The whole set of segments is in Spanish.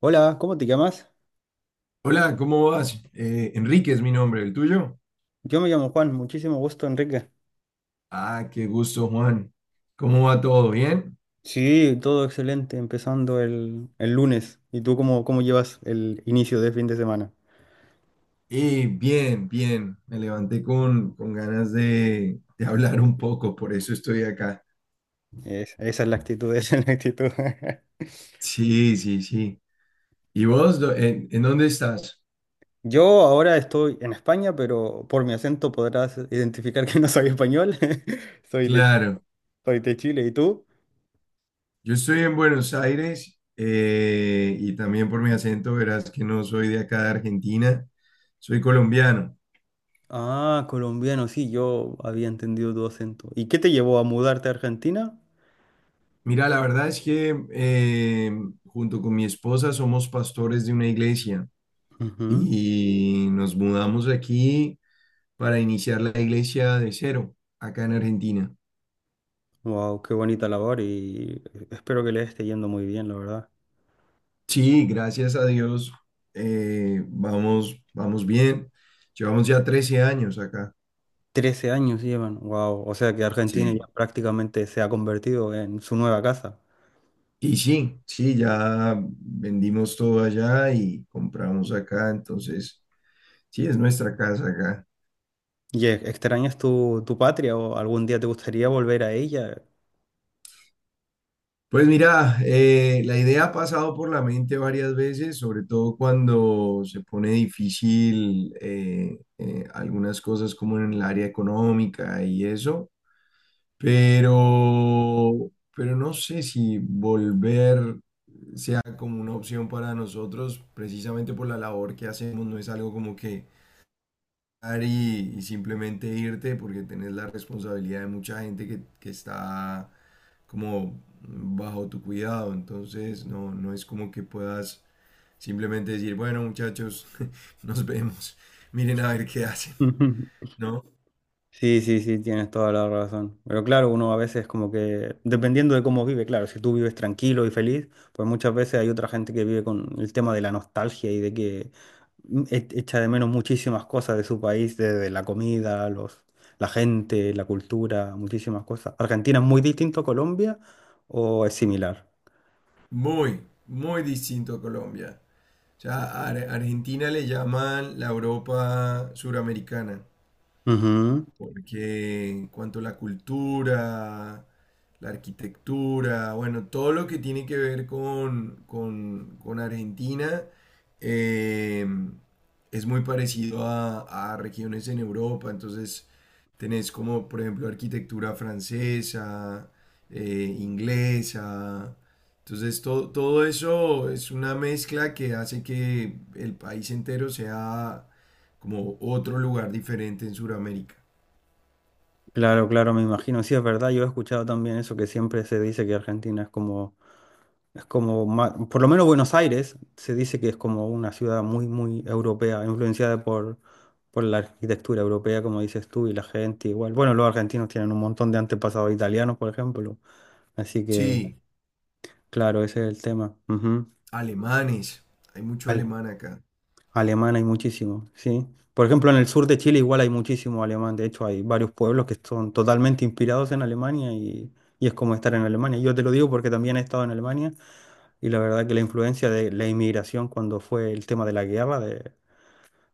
Hola, ¿cómo te llamas? Hola, ¿cómo vas? Enrique es mi nombre, ¿el tuyo? Yo me llamo Juan, muchísimo gusto, Enrique. Ah, qué gusto, Juan. ¿Cómo va todo? ¿Bien? Sí, todo excelente, empezando el lunes. ¿Y tú cómo llevas el inicio de fin de semana? Bien, bien. Me levanté con ganas de hablar un poco, por eso estoy acá. Esa es la actitud, esa es la actitud. Sí, sí, sí. ¿Y vos, en, ¿en dónde estás? Yo ahora estoy en España, pero por mi acento podrás identificar que no soy español. Soy de, Claro, Soy de Chile, ¿y tú? yo estoy en Buenos Aires y también por mi acento verás que no soy de acá de Argentina, soy colombiano. Ah, colombiano, sí, yo había entendido tu acento. ¿Y qué te llevó a mudarte a Argentina? Mira, la verdad es que junto con mi esposa somos pastores de una iglesia y nos mudamos aquí para iniciar la iglesia de cero, acá en Argentina. Wow, qué bonita labor y espero que le esté yendo muy bien, la verdad. Sí, gracias a Dios, vamos, vamos bien. Llevamos ya 13 años acá. 13 años llevan, wow, o sea que Argentina ya Sí. prácticamente se ha convertido en su nueva casa. Y sí, sí, ya vendimos todo allá y compramos acá, entonces sí, es nuestra casa acá. ¿Y extrañas tu patria o algún día te gustaría volver a ella? Pues mira, la idea ha pasado por la mente varias veces, sobre todo cuando se pone difícil algunas cosas como en el área económica y eso, pero no sé si volver ya como una opción para nosotros, precisamente por la labor que hacemos, no es algo como que dar y simplemente irte porque tenés la responsabilidad de mucha gente que está como bajo tu cuidado, entonces no, no es como que puedas simplemente decir, bueno muchachos, nos vemos, miren a ver qué hacen, ¿no? Sí, sí, sí, tienes toda la razón. Pero claro, uno a veces como que, dependiendo de cómo vive, claro, si tú vives tranquilo y feliz, pues muchas veces hay otra gente que vive con el tema de la nostalgia y de que echa de menos muchísimas cosas de su país, desde la comida, los, la gente, la cultura, muchísimas cosas. ¿Argentina es muy distinto a Colombia o es similar? Muy, muy distinto a Colombia. O sea, a Argentina le llaman la Europa suramericana. Ujú. Porque en cuanto a la cultura, la arquitectura, bueno, todo lo que tiene que ver con, con Argentina eh, es muy parecido a regiones en Europa. Entonces, tenés como, por ejemplo, arquitectura francesa, inglesa. Entonces, todo eso es una mezcla que hace que el país entero sea como otro lugar diferente en Sudamérica. Claro, claro, me imagino, sí, es verdad, yo he escuchado también eso que siempre se dice que Argentina es como... Es como, por lo menos Buenos Aires se dice que es como una ciudad muy, muy europea, influenciada por la arquitectura europea, como dices tú, y la gente igual. Bueno, los argentinos tienen un montón de antepasados italianos, por ejemplo. Así que, Sí, claro, ese es el tema. Ujú. alemanes. Hay mucho Al- alemán acá. Alemán hay muchísimo, sí. Por ejemplo, en el sur de Chile igual hay muchísimo alemán. De hecho, hay varios pueblos que son totalmente inspirados en Alemania y es como estar en Alemania. Yo te lo digo porque también he estado en Alemania. Y la verdad que la influencia de la inmigración cuando fue el tema de la guerra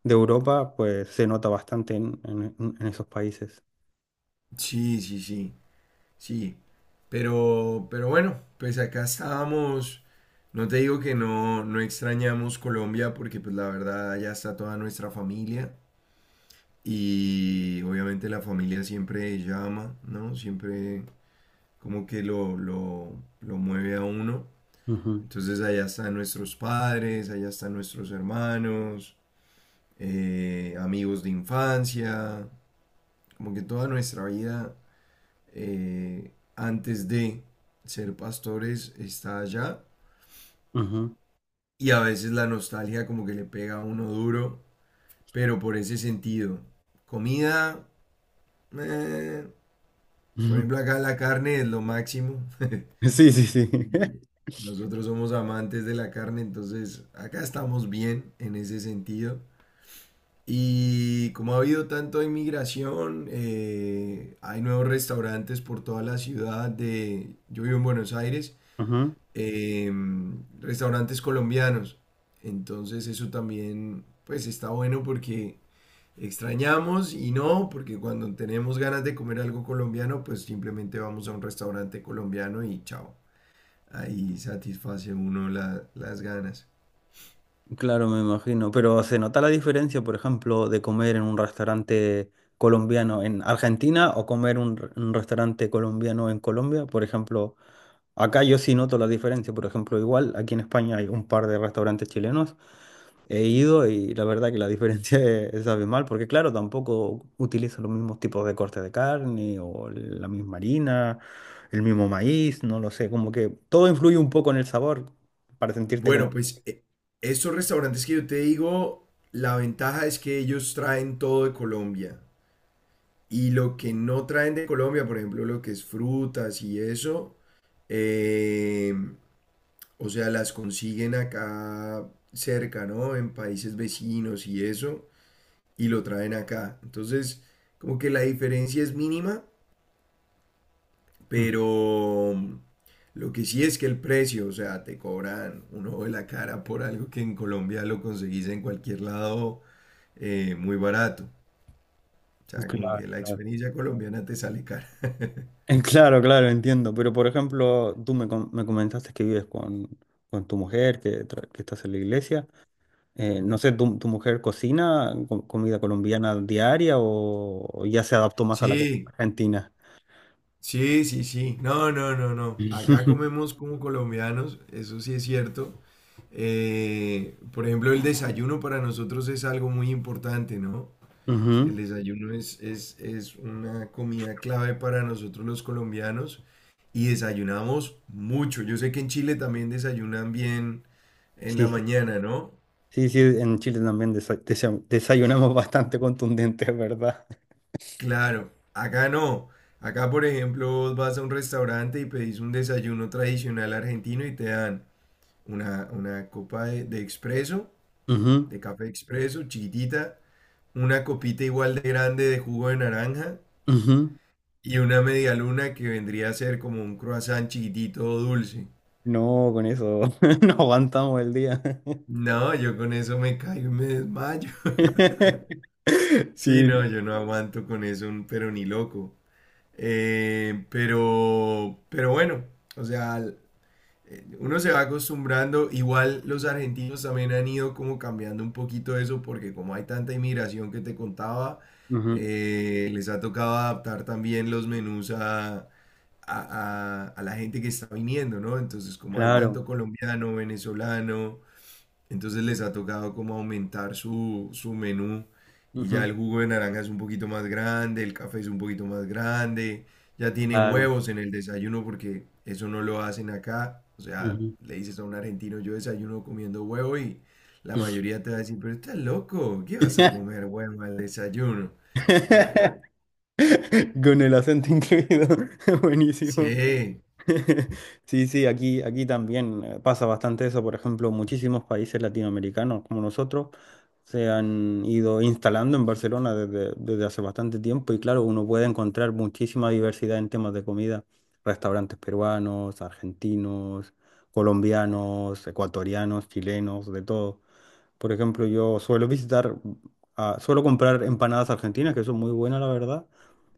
de Europa, pues se nota bastante en, en esos países. Sí, sí, sí, sí. Pero bueno, pues acá estábamos. No te digo que no, no extrañamos Colombia porque pues la verdad allá está toda nuestra familia y obviamente la familia siempre llama, ¿no? Siempre como que lo mueve a uno. Ujú, Entonces allá están nuestros padres, allá están nuestros hermanos, amigos de infancia. Como que toda nuestra vida antes de ser pastores está allá. ujú, Y a veces la nostalgia como que le pega a uno duro, pero por ese sentido. Comida, eh, por ujú. ejemplo acá la carne es lo máximo. Sí, sí, sí. Y nosotros somos amantes de la carne, entonces acá estamos bien en ese sentido. Y como ha habido tanta inmigración, hay nuevos restaurantes por toda la ciudad de, yo vivo en Buenos Aires, Ujú. eh, restaurantes colombianos. Entonces eso también, pues está bueno porque extrañamos y no, porque cuando tenemos ganas de comer algo colombiano, pues simplemente vamos a un restaurante colombiano y chao. Ahí satisface uno las ganas. Claro, me imagino. Pero se nota la diferencia, por ejemplo, de comer en un restaurante colombiano en Argentina o comer un, un restaurante colombiano en Colombia. Por ejemplo, acá yo sí noto la diferencia. Por ejemplo, igual aquí en España hay un par de restaurantes chilenos. He ido y la verdad que la diferencia es abismal, porque claro, tampoco utilizo los mismos tipos de cortes de carne o la misma harina, el mismo maíz, no lo sé, como que todo influye un poco en el sabor para sentirte como... Bueno, pues estos restaurantes que yo te digo, la ventaja es que ellos traen todo de Colombia. Y lo que no traen de Colombia, por ejemplo, lo que es frutas y eso, eh, o sea, las consiguen acá cerca, ¿no? En países vecinos y eso, y lo traen acá. Entonces, como que la diferencia es mínima. Mm, Pero lo que sí es que el precio, o sea, te cobran un ojo de la cara por algo que en Colombia lo conseguís en cualquier lado muy barato. O sea, como claro, que la claro. experiencia colombiana te sale cara. Claro, claro, entiendo, pero por ejemplo, tú me, me comentaste que vives con tu mujer, que, que estás en la iglesia. No sé, ¿tu, tu mujer cocina comida colombiana diaria o ya se adaptó más a la comida Sí, argentina? sí, sí, sí. No, no, no, no. Acá comemos como colombianos, eso sí es cierto. Por ejemplo, el desayuno para nosotros es algo muy importante, ¿no? El Ujú. desayuno es una comida clave para nosotros los colombianos y desayunamos mucho. Yo sé que en Chile también desayunan bien en Sí, la sí, mañana, ¿no? sí, sí, en Chile también desayunamos bastante contundente, es ¿verdad? Claro, acá no. Acá, por ejemplo, vos vas a un restaurante y pedís un desayuno tradicional argentino y te dan una copa de expreso, de café expreso, chiquitita, una copita igual de grande de jugo de naranja Ujú, ujú. y una media luna que vendría a ser como un croissant chiquitito dulce. No, con eso no aguantamos el día. No, yo con eso me caigo y me desmayo. Sí, Sí, no, yo no aguanto con eso, pero ni loco. Pero bueno, o sea, uno se va acostumbrando. Igual los argentinos también han ido como cambiando un poquito eso, porque como hay tanta inmigración que te contaba, ujú, les ha tocado adaptar también los menús a, a la gente que está viniendo, ¿no? Entonces, como hay claro, tanto colombiano, venezolano, entonces les ha tocado como aumentar su, su menú y ya ujú, el jugo de naranja es un poquito más grande, el café es un poquito más grande, ya tienen claro. huevos en el desayuno porque eso no lo hacen acá. O sea, le dices a un argentino, yo desayuno comiendo huevo y la Ujú. mayoría te va a decir, pero estás loco, ¿qué vas a comer huevo al desayuno? Y bueno, Con el acento incluido, buenísimo. sí, Sí, sí, aquí, aquí también pasa bastante eso. Por ejemplo, muchísimos países latinoamericanos como nosotros se han ido instalando en Barcelona desde, desde hace bastante tiempo y claro, uno puede encontrar muchísima diversidad en temas de comida. Restaurantes peruanos, argentinos, colombianos, ecuatorianos, chilenos, de todo. Por ejemplo, yo suelo visitar, ah, suelo comprar empanadas argentinas que son muy buenas, la verdad.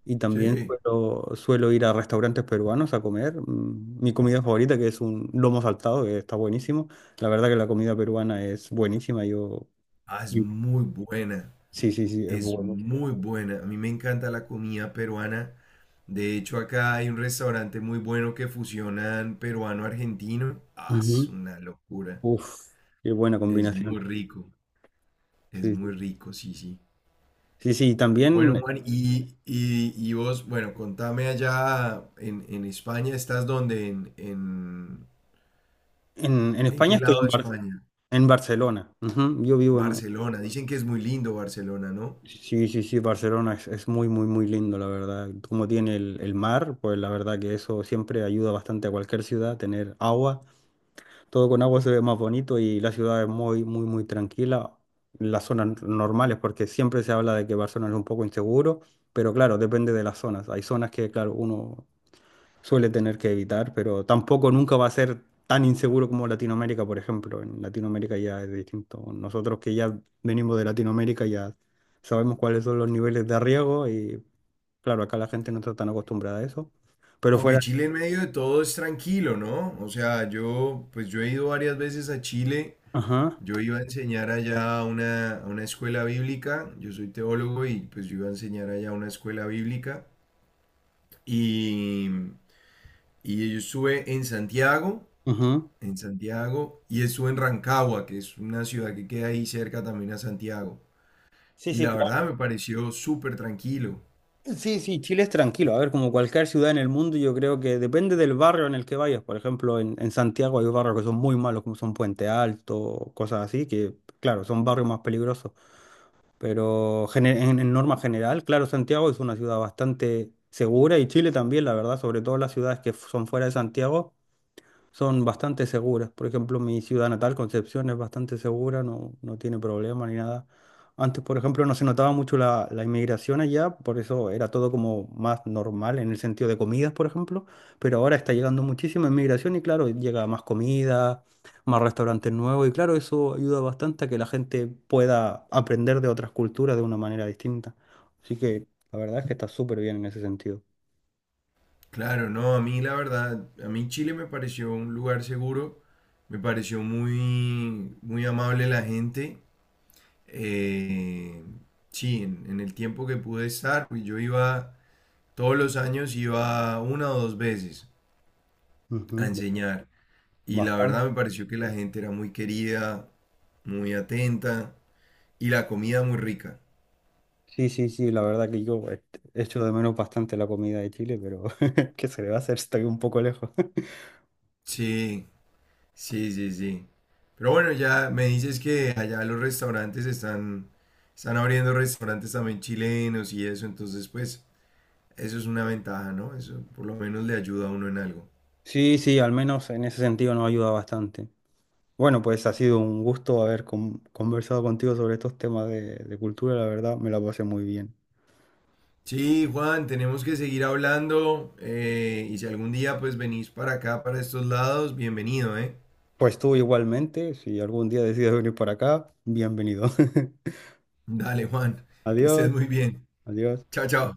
Y también sí, suelo, suelo ir a restaurantes peruanos a comer. Mi comida favorita, que es un lomo saltado, que está buenísimo. La verdad que la comida peruana es buenísima. Yo... ah, es muy buena, Sí, sí, sí, es es buenísima. muy buena. A mí me encanta la comida peruana. De hecho, acá hay un restaurante muy bueno que fusionan peruano-argentino. Ah, es Ujú. una locura. Uf, qué buena Es combinación. muy rico. Es Sí, muy sí. rico, sí, sí. Sí, sí, Bueno, también Juan, y vos, bueno, contame allá en España, ¿estás dónde? En En España qué estoy lado en, de España? en Barcelona. Ujú, yo vivo en... Barcelona. Dicen que es muy lindo Barcelona, ¿no? Sí, sí, sí, Barcelona es muy, muy, muy lindo, la verdad. Como tiene el mar, pues la verdad que eso siempre ayuda bastante a cualquier ciudad, tener agua. Todo con agua se ve más bonito y la ciudad es muy, muy, muy tranquila. Las zonas normales, porque siempre se habla de que Barcelona es un poco inseguro, pero claro, depende de las zonas. Hay zonas que, claro, uno suele tener que evitar, pero tampoco nunca va a ser tan inseguro como Latinoamérica, por ejemplo. En Latinoamérica ya es distinto. Nosotros que ya venimos de Latinoamérica ya sabemos cuáles son los niveles de riesgo y, claro, acá la gente no está tan acostumbrada a eso. Pero Aunque fuera... Chile en medio de todo es tranquilo, ¿no? O sea, yo, pues yo he ido varias veces a Chile. Ajá, Yo iba a enseñar allá a una escuela bíblica, yo soy teólogo y pues yo iba a enseñar allá a una escuela bíblica y, y yo estuve ajá. en Santiago y estuve en Rancagua, que es una ciudad que queda ahí cerca también a Santiago. Sí, Y sí, la claro. verdad me pareció súper tranquilo. Sí, sí, Chile es tranquilo. A ver, como cualquier ciudad en el mundo, yo creo que depende del barrio en el que vayas. Por ejemplo, en Santiago hay barrios que son muy malos, como son Puente Alto, cosas así, que claro, son barrios más peligrosos. Pero en norma general, claro, Santiago es una ciudad bastante segura y Chile también, la verdad, sobre todo las ciudades que son fuera de Santiago son bastante seguras. Por ejemplo, mi ciudad natal, Concepción, es bastante segura, no, no tiene problema ni nada. Antes, por ejemplo, no se notaba mucho la, la inmigración allá, por eso era todo como más normal en el sentido de comidas, por ejemplo, pero ahora está llegando muchísima inmigración y claro, llega más comida, más restaurantes nuevos y claro, eso ayuda bastante a que la gente pueda aprender de otras culturas de una manera distinta. Así que la verdad es que está súper bien en ese sentido. Claro, no, a mí la verdad, a mí Chile me pareció un lugar seguro, me pareció muy, muy amable la gente. eh, sí, en el tiempo que pude estar, pues, yo iba, todos los años iba 1 o 2 veces a Ujú. enseñar. Y la Bastante. verdad me pareció que la gente era muy querida, muy atenta y la comida muy rica. Sí, sí, sí, la verdad que yo este, echo de menos bastante la comida de Chile, pero ¿qué se le va a hacer? Estoy un poco lejos. Sí, sí, sí, sí. Pero bueno, ya me dices que allá los restaurantes están, están abriendo restaurantes también chilenos y eso, entonces pues eso es una ventaja, ¿no? Eso por lo menos le ayuda a uno en algo. Sí, sí, al menos en ese sentido nos ayuda bastante. Bueno, pues ha sido un gusto haber conversado contigo sobre estos temas de cultura, la verdad me la pasé muy bien. Sí, Juan, tenemos que seguir hablando y si algún día pues venís para acá, para estos lados, bienvenido, ¿eh? Pues tú igualmente, si algún día decides venir por acá, bienvenido. Dale, Juan, que estés Adiós, muy bien. adiós. Chao, chao.